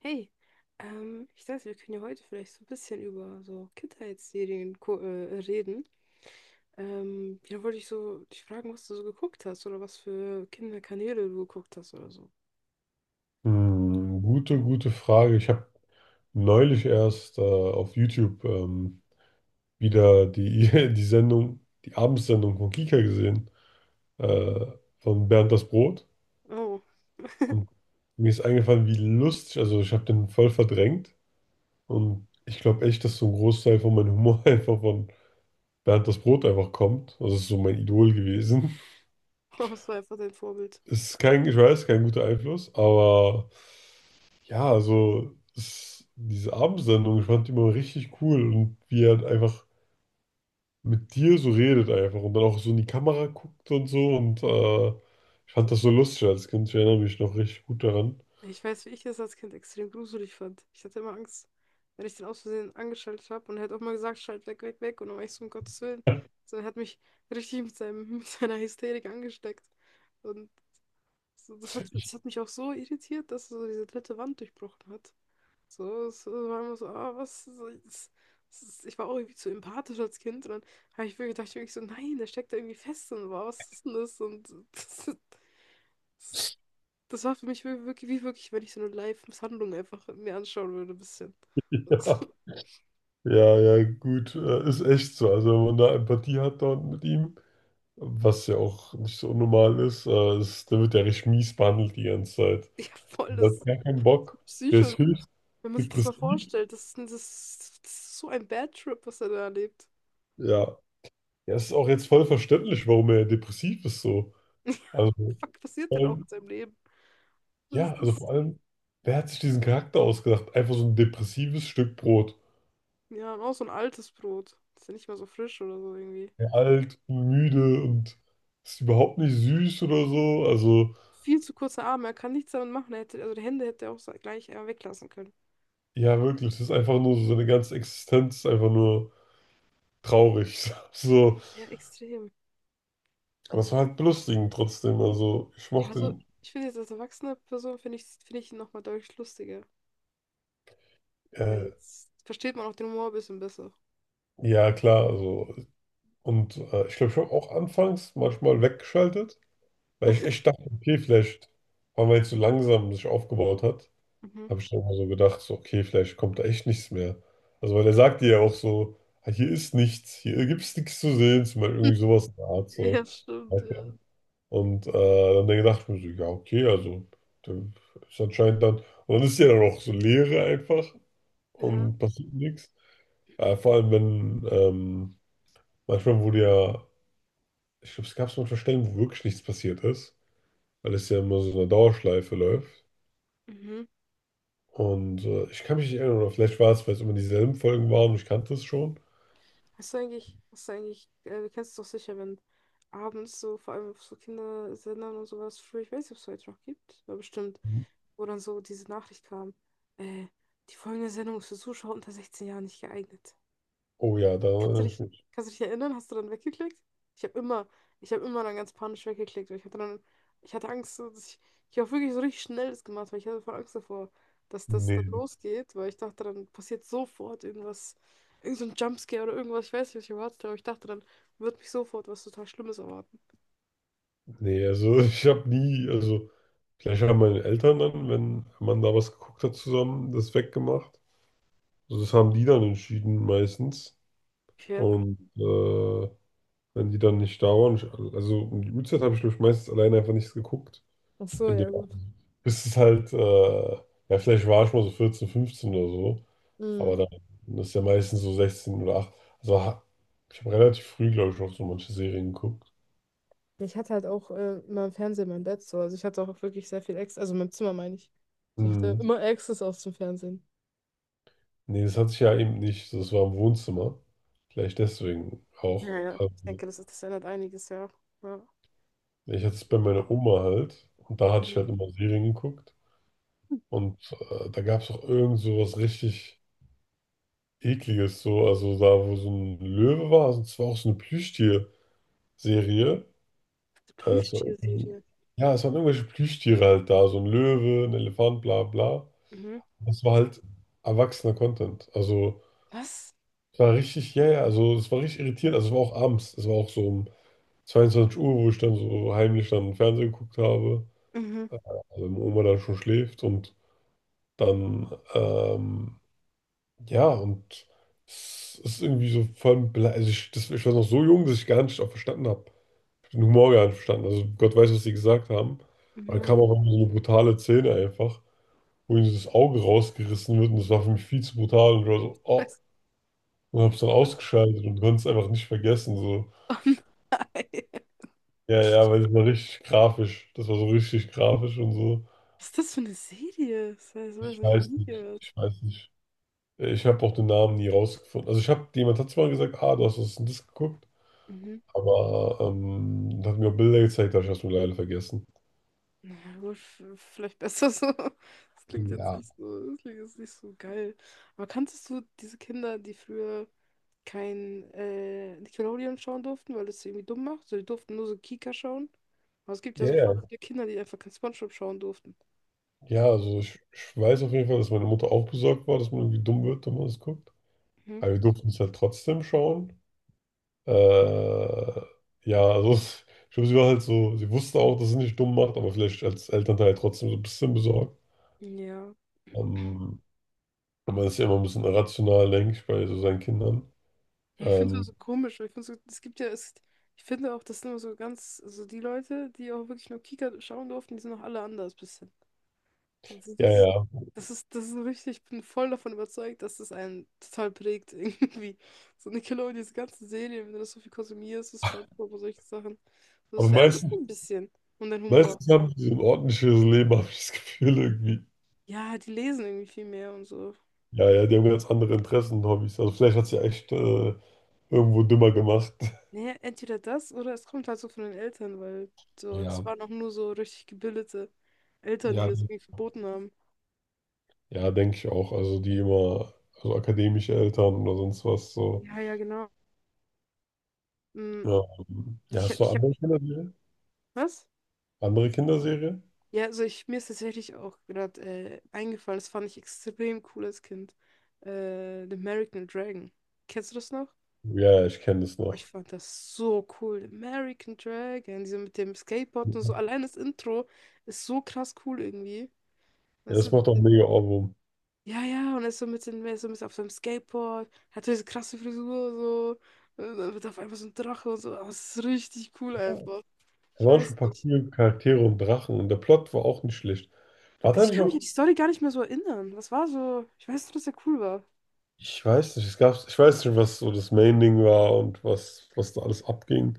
Hey, ich dachte, wir können ja heute vielleicht so ein bisschen über so Kindheitsserien reden. Ja, wollte ich so dich fragen, was du so geguckt hast oder was für Kinderkanäle du geguckt hast oder so. Hm, gute Frage. Ich habe neulich erst auf YouTube wieder die Sendung, die Abendsendung von Kika gesehen, äh, von Bernd das Brot. Oh, Und mir ist eingefallen, wie lustig, also ich habe den voll verdrängt. Und ich glaube echt, dass so ein Großteil von meinem Humor einfach von Bernd das Brot einfach kommt. Also das ist so mein Idol gewesen. was war einfach dein Vorbild? Es ist kein, ich weiß, kein guter Einfluss, aber ja, also diese Abendsendung, ich fand die immer richtig cool und wie er halt einfach mit dir so redet einfach und dann auch so in die Kamera guckt und so und ich fand das so lustig als Kind, ich erinnere mich noch richtig gut daran. Ich weiß, wie ich das als Kind extrem gruselig fand. Ich hatte immer Angst, wenn ich den aus Versehen angeschaltet habe und er hat auch mal gesagt, schalt weg, weg, weg und dann war ich so, um Gottes Willen. So, er hat mich richtig mit seinem, mit seiner Hysterik angesteckt. Und so, das hat mich auch so irritiert, dass er so diese dritte Wand durchbrochen hat. So, es war immer so, ah, was, so, ich war auch irgendwie zu empathisch als Kind und dann habe ich wirklich gedacht, wirklich so, nein, der steckt da irgendwie fest und wow, was ist denn das? Und das, das, das war für mich wirklich, wie wirklich, wenn ich so eine Live-Misshandlung einfach mir anschauen würde, ein bisschen. Ja, ja, ja, gut, ist echt so. Also wenn man da Empathie hat dann mit ihm. Was ja auch nicht so unnormal ist. Der wird ja richtig mies behandelt die ganze Zeit. Ja, voll, das Der hat ist gar keinen Bock. Der Psycho. ist höchst Wenn man sich das mal depressiv. vorstellt, das ist so ein Bad Trip, was er da erlebt. Ja. Ja, es ist auch jetzt voll verständlich, warum er depressiv ist so. Also, Fuck, passiert vor denn auch allem, in seinem Leben? Was ja, ist also das? vor allem, wer hat sich diesen Charakter ausgedacht? Einfach so ein depressives Stück Brot. Ja, und auch so ein altes Brot. Das ist ja nicht mal so frisch oder so irgendwie. Ja, alt und müde und ist überhaupt nicht süß oder so. Also, Viel zu kurze Arme, er kann nichts damit machen. Er hätte, also die Hände hätte er auch gleich weglassen können. ja, wirklich, es ist einfach nur so, seine ganze Existenz ist einfach nur traurig. So. Ja, extrem. Aber es war halt belustigend trotzdem. Also ich Ja, mochte also ihn, ich finde jetzt als erwachsene Person finde ich ihn nochmal deutlich lustiger. Weil äh, jetzt versteht man auch den Humor ein bisschen besser. ja klar, also und ich glaube, ich habe auch anfangs manchmal weggeschaltet, weil ich echt dachte, okay, vielleicht waren wir jetzt so langsam sich aufgebaut hat. Mhm. Habe ich dann immer so gedacht, so, okay, vielleicht kommt da echt nichts mehr. Also weil er sagt dir ja auch so, ah, hier ist nichts, hier gibt es nichts zu sehen, zum Beispiel irgendwie sowas in der Art. Ja, So. stimmt, ja. Und dann gedacht, ich mir so, ja, okay, also dann ist anscheinend dann, und dann ist ja dann auch so Leere einfach Ja. und passiert nichts. Vor allem, wenn manchmal wurde ja, ich glaube, es gab so manchmal Stellen, wo wirklich nichts passiert ist, weil es ja immer so eine Dauerschleife läuft. Mhm. Und ich kann mich nicht erinnern, oder vielleicht war es, weil es immer dieselben Folgen waren und ich kannte es schon. Hast du eigentlich, du kennst es doch sicher, wenn abends so, vor allem auf so Kindersendern und sowas, früher, ich weiß nicht, ob es heute noch gibt, aber bestimmt, Mhm. wo dann so diese Nachricht kam, äh, die folgende Sendung ist für Zuschauer unter 16 Jahren nicht geeignet. Oh ja, da Kannst du erinnere ich dich, mich. kannst du dich erinnern? Hast du dann weggeklickt? Ich habe immer, ich habe immer dann ganz panisch weggeklickt, weil ich hatte dann, ich hatte Angst, so ich habe wirklich so richtig schnell das gemacht, weil ich hatte voll Angst davor, dass das dann Nee, losgeht, weil ich dachte, dann passiert sofort irgendwas, irgend so ein Jumpscare oder irgendwas, ich weiß nicht, was ich erwartet habe, aber ich dachte, dann wird mich sofort was total Schlimmes erwarten. Nee, also ich habe nie, also vielleicht haben meine Eltern dann, wenn man da was geguckt hat zusammen, das weggemacht. Also das haben die dann entschieden meistens. Okay. Und wenn die dann nicht da waren, ich, also um die Uhrzeit habe ich, glaube ich, meistens alleine einfach nichts geguckt. Ach so, In dem, ja gut. bis es halt, ja, vielleicht war ich mal so 14, 15 oder so, aber Mhm. dann ist ja meistens so 16 oder 8. Also ich habe relativ früh, glaube ich, auch so manche Serien geguckt. Ich hatte halt auch immer im Fernsehen mein Bett so. Also ich hatte auch wirklich sehr viel Access, also mein Zimmer meine ich. Also ich hatte Mhm. immer Access auch zum Fernsehen. Nee, das hatte ich ja eben nicht. Das war im Wohnzimmer. Vielleicht deswegen Ja, auch. ja. Ich denke, das ändert einiges, ja. Ja. Ich hatte es bei Mhm. meiner Oma halt. Und da hatte Mhm. ich halt immer Serien geguckt. Und da gab es auch irgend so was richtig Ekliges. So. Also da, wo so ein Löwe war. Also es war auch so eine Plüschtier-Serie. Es war irgendwie, Plüschtierserie. ja, es waren irgendwelche Plüschtiere halt da. So ein Löwe, ein Elefant, bla bla. Mhm. Das war halt erwachsener Content. Also Was? es war richtig, ja, ja. Also es war richtig irritierend. Also es war auch abends. Es war auch so um 22 Uhr, wo ich dann so heimlich dann Fernsehen geguckt habe, Mhm. äh, wenn Oma dann schon schläft und dann, ja, und es ist irgendwie so voll, also ich, das, ich war noch so jung, dass ich gar nicht auch verstanden habe. Ich habe den Humor gar nicht verstanden. Also Gott weiß, was sie gesagt haben. Aber dann Mhm. kam auch irgendwie so eine brutale Szene einfach, wo ihnen so das Auge rausgerissen wird und das war für mich viel zu brutal und ich war so, oh, Scheiße. und hab's dann ausgeschaltet und konnte es einfach nicht vergessen, so. Oh nein. Ja, ja, weil das war richtig grafisch. Das war so richtig grafisch und so. Was ist das für eine Serie? Das heißt, sowas Ich habe ich so noch weiß nie nicht. gehört. Ich weiß nicht. Ich habe auch den Namen nie rausgefunden. Also ich habe, jemand hat zwar gesagt, ah, du hast das und das geguckt, Mhm. aber hat mir auch Bilder gezeigt, da habe ich das nur leider vergessen. Naja, gut, vielleicht besser so. Ja. Das klingt jetzt nicht so geil. Aber kanntest du diese Kinder, die früher kein Nickelodeon schauen durften, weil das sie irgendwie dumm macht? So, die durften nur so Kika schauen. Aber es gibt ja Ja, so ja. voll viele Kinder, die einfach kein SpongeBob schauen durften. Ja, also ich weiß auf jeden Fall, dass meine Mutter auch besorgt war, dass man irgendwie dumm wird, wenn man das guckt. Aber wir durften es halt trotzdem schauen. Äh, ja, also ich glaube, sie war halt so, sie wusste auch, dass sie nicht dumm macht, aber vielleicht als Elternteil trotzdem so ein bisschen besorgt. Ja. Ähm, man ist ja immer ein bisschen irrational, denke ich, bei so seinen Kindern. Ja, ich finde es Ähm, so komisch. Weil Ich finde so, es gibt ja, es, ich finde auch, das sind immer so ganz, so die Leute, die auch wirklich nur Kika schauen durften, die sind auch alle anders bisschen. So, ja, ja. Das ist so richtig, ich bin voll davon überzeugt, dass das einen total prägt irgendwie. So Nickelodeon, diese ganzen Serien, wenn du das so viel konsumierst, so SpongeBob und solche Sachen. So, das Aber verändert sich meistens, schon ein bisschen. Und dein Humor. meistens haben die so ein ordentliches Leben, habe ich das Gefühl irgendwie. Ja, die lesen irgendwie viel mehr und so. Ja, ja, die haben ganz andere Interessen und Hobbys. Also vielleicht hat sie echt irgendwo dümmer gemacht. Naja, entweder das oder es kommt halt so von den Eltern, weil so, es Ja, waren auch nur so richtig gebildete Eltern, die ja, das irgendwie verboten haben. ja, denke ich auch. Also die immer, also akademische Eltern oder sonst was so. Ja, ja, genau. Mm, Ja, ja, Ich hab, hast du ich hab, andere Kinderserie? was? Andere Kinderserie? Ja, also ich, mir ist tatsächlich auch gerade eingefallen, das fand ich extrem cool als Kind. The American Dragon. Kennst du das noch? Ja, ja, ich kenne das Boah, ich noch. fand das so cool. The American Dragon, diese mit dem Skateboard und so. Ja, Allein das Intro ist so krass cool irgendwie. Weißt das du? macht auch mega Ohrwurm. Ja, ja, und er ist so mit auf seinem Skateboard, hat so diese krasse Frisur, so, und dann wird auf einmal so ein Drache und so, aber es ist richtig cool Da einfach. Ich waren schon weiß ein paar nicht. coole Charaktere und Drachen und der Plot war auch nicht schlecht. War Also da ich nicht kann mich auch? an die Story gar nicht mehr so erinnern. Was war so? Ich weiß nur, dass er cool war. Ich weiß nicht, es gab, ich weiß nicht, was so das Main-Ding war und was, was da alles abging.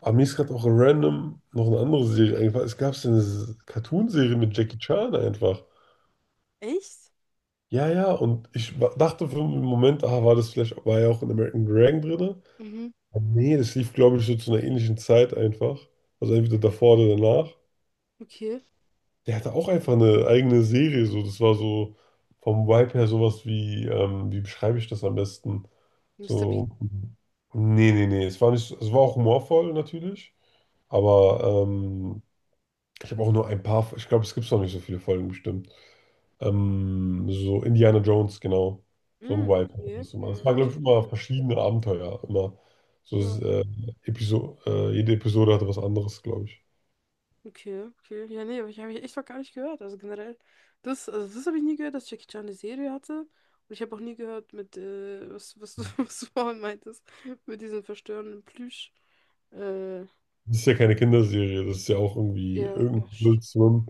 Aber mir ist gerade auch random noch eine andere Serie eingefallen. Es gab so eine Cartoon-Serie mit Jackie Chan einfach. Echt? Ja, ja, und ich dachte für einen Moment, ah, war das vielleicht, war ja auch in American Dragon drin? Mhm, Nee, das lief, glaube ich, so zu einer ähnlichen Zeit einfach. Also entweder davor oder danach. okay. Der hatte auch einfach eine eigene Serie, so. Das war so vom Vibe her sowas wie, wie beschreibe ich das am besten? Mister Bean. So. Nee, nee, nee, es war nicht, es war auch humorvoll natürlich, aber ich habe auch nur ein paar, ich glaube, es gibt noch nicht so viele Folgen bestimmt. So Indiana Jones, genau, so ein Mhm, Vibe. Hat okay. das immer. Das Ja, war, ich glaube ich, immer verstehe. verschiedene Abenteuer, immer so Episo jede Episode hatte was anderes, glaube ich. Okay, okay. Ja, nee, aber ich habe ich echt noch gar nicht gehört. Also generell, also das habe ich nie gehört, dass Jackie Chan eine Serie hatte. Und ich habe auch nie gehört mit, was du, was du vorhin meintest, mit diesem verstörenden Plüsch. Äh, Das ist ja keine Kinderserie, das ist ja auch irgendwie ja, irgendeine ja, stimmt.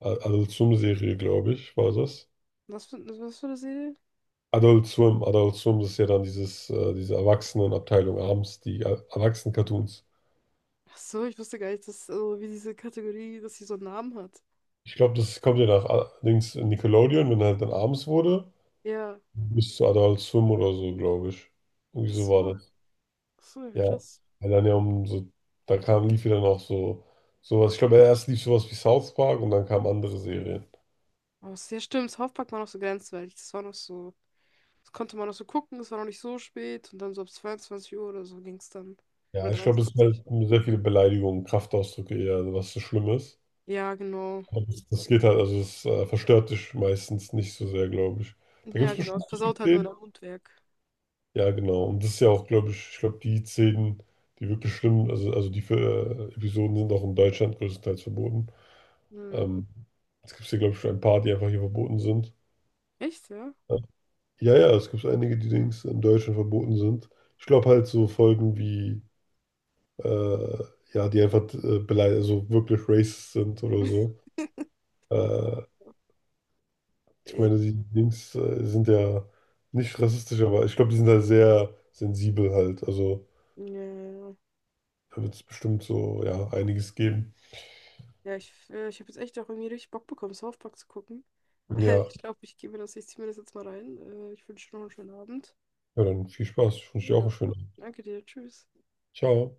Adult Swim-Serie, glaube ich, war das. Was für eine Serie? Adult Swim, das ist ja dann dieses, diese Erwachsenenabteilung abends, die Erwachsenen-Cartoons. Ach so, ich wusste gar nicht, dass, also, wie diese Kategorie, dass sie so einen Namen hat. Ich glaube, das kommt ja nach links in Nickelodeon, wenn halt dann abends wurde, Ja. bis zu Adult Swim oder so, glaube ich. Irgendwie Ach so war so, das. ach so, ja, Ja. krass. Weil dann ja um so, da kam, lief ja dann auch so sowas. Ich glaube, erst lief sowas wie South Park und dann kamen andere Serien. Aber ja, stimmt, South Park war noch so grenzwertig. Das war noch so. Das konnte man noch so gucken, es war noch nicht so spät und dann so ab 22 Uhr oder so ging es dann. Ja, Oder ich glaube, es sind 23. halt sehr viele Beleidigungen, Kraftausdrücke eher, was so schlimm ist. Ja, genau. Aber das, das geht halt, also es verstört dich meistens nicht so sehr, glaube ich. Da gibt Ja, es genau. Es bestimmt einige versaut halt nur Szenen. dein Mundwerk. Ja, genau. Und das ist ja auch, glaube ich, ich glaube, die Szenen, die wirklich schlimm, also die Episoden sind auch in Deutschland größtenteils verboten. Hm. Ähm, es gibt ja, glaube ich, schon ein paar, die einfach hier verboten sind. Echt, ja? Ja, ja, ja, es gibt einige, die Dings in Deutschland verboten sind. Ich glaube halt so Folgen wie, äh, ja, die einfach beleidigt, also wirklich racist sind oder so. Äh, Ich Äh, meine, die Dings sind ja nicht rassistisch, aber ich glaube, die sind da sehr sensibel halt. Also ja, ja, ja, da wird es bestimmt so, ja, einiges geben. ja, ich, ich habe jetzt echt auch irgendwie richtig Bock bekommen, South Park zu gucken. Ja, Ich glaube, ich ziehe mir das jetzt mal rein. Ich wünsche dir noch einen schönen Abend. ja, dann viel Spaß. Ich wünsche dir auch einen Ja, schönen Abend. danke dir. Tschüss. Ciao.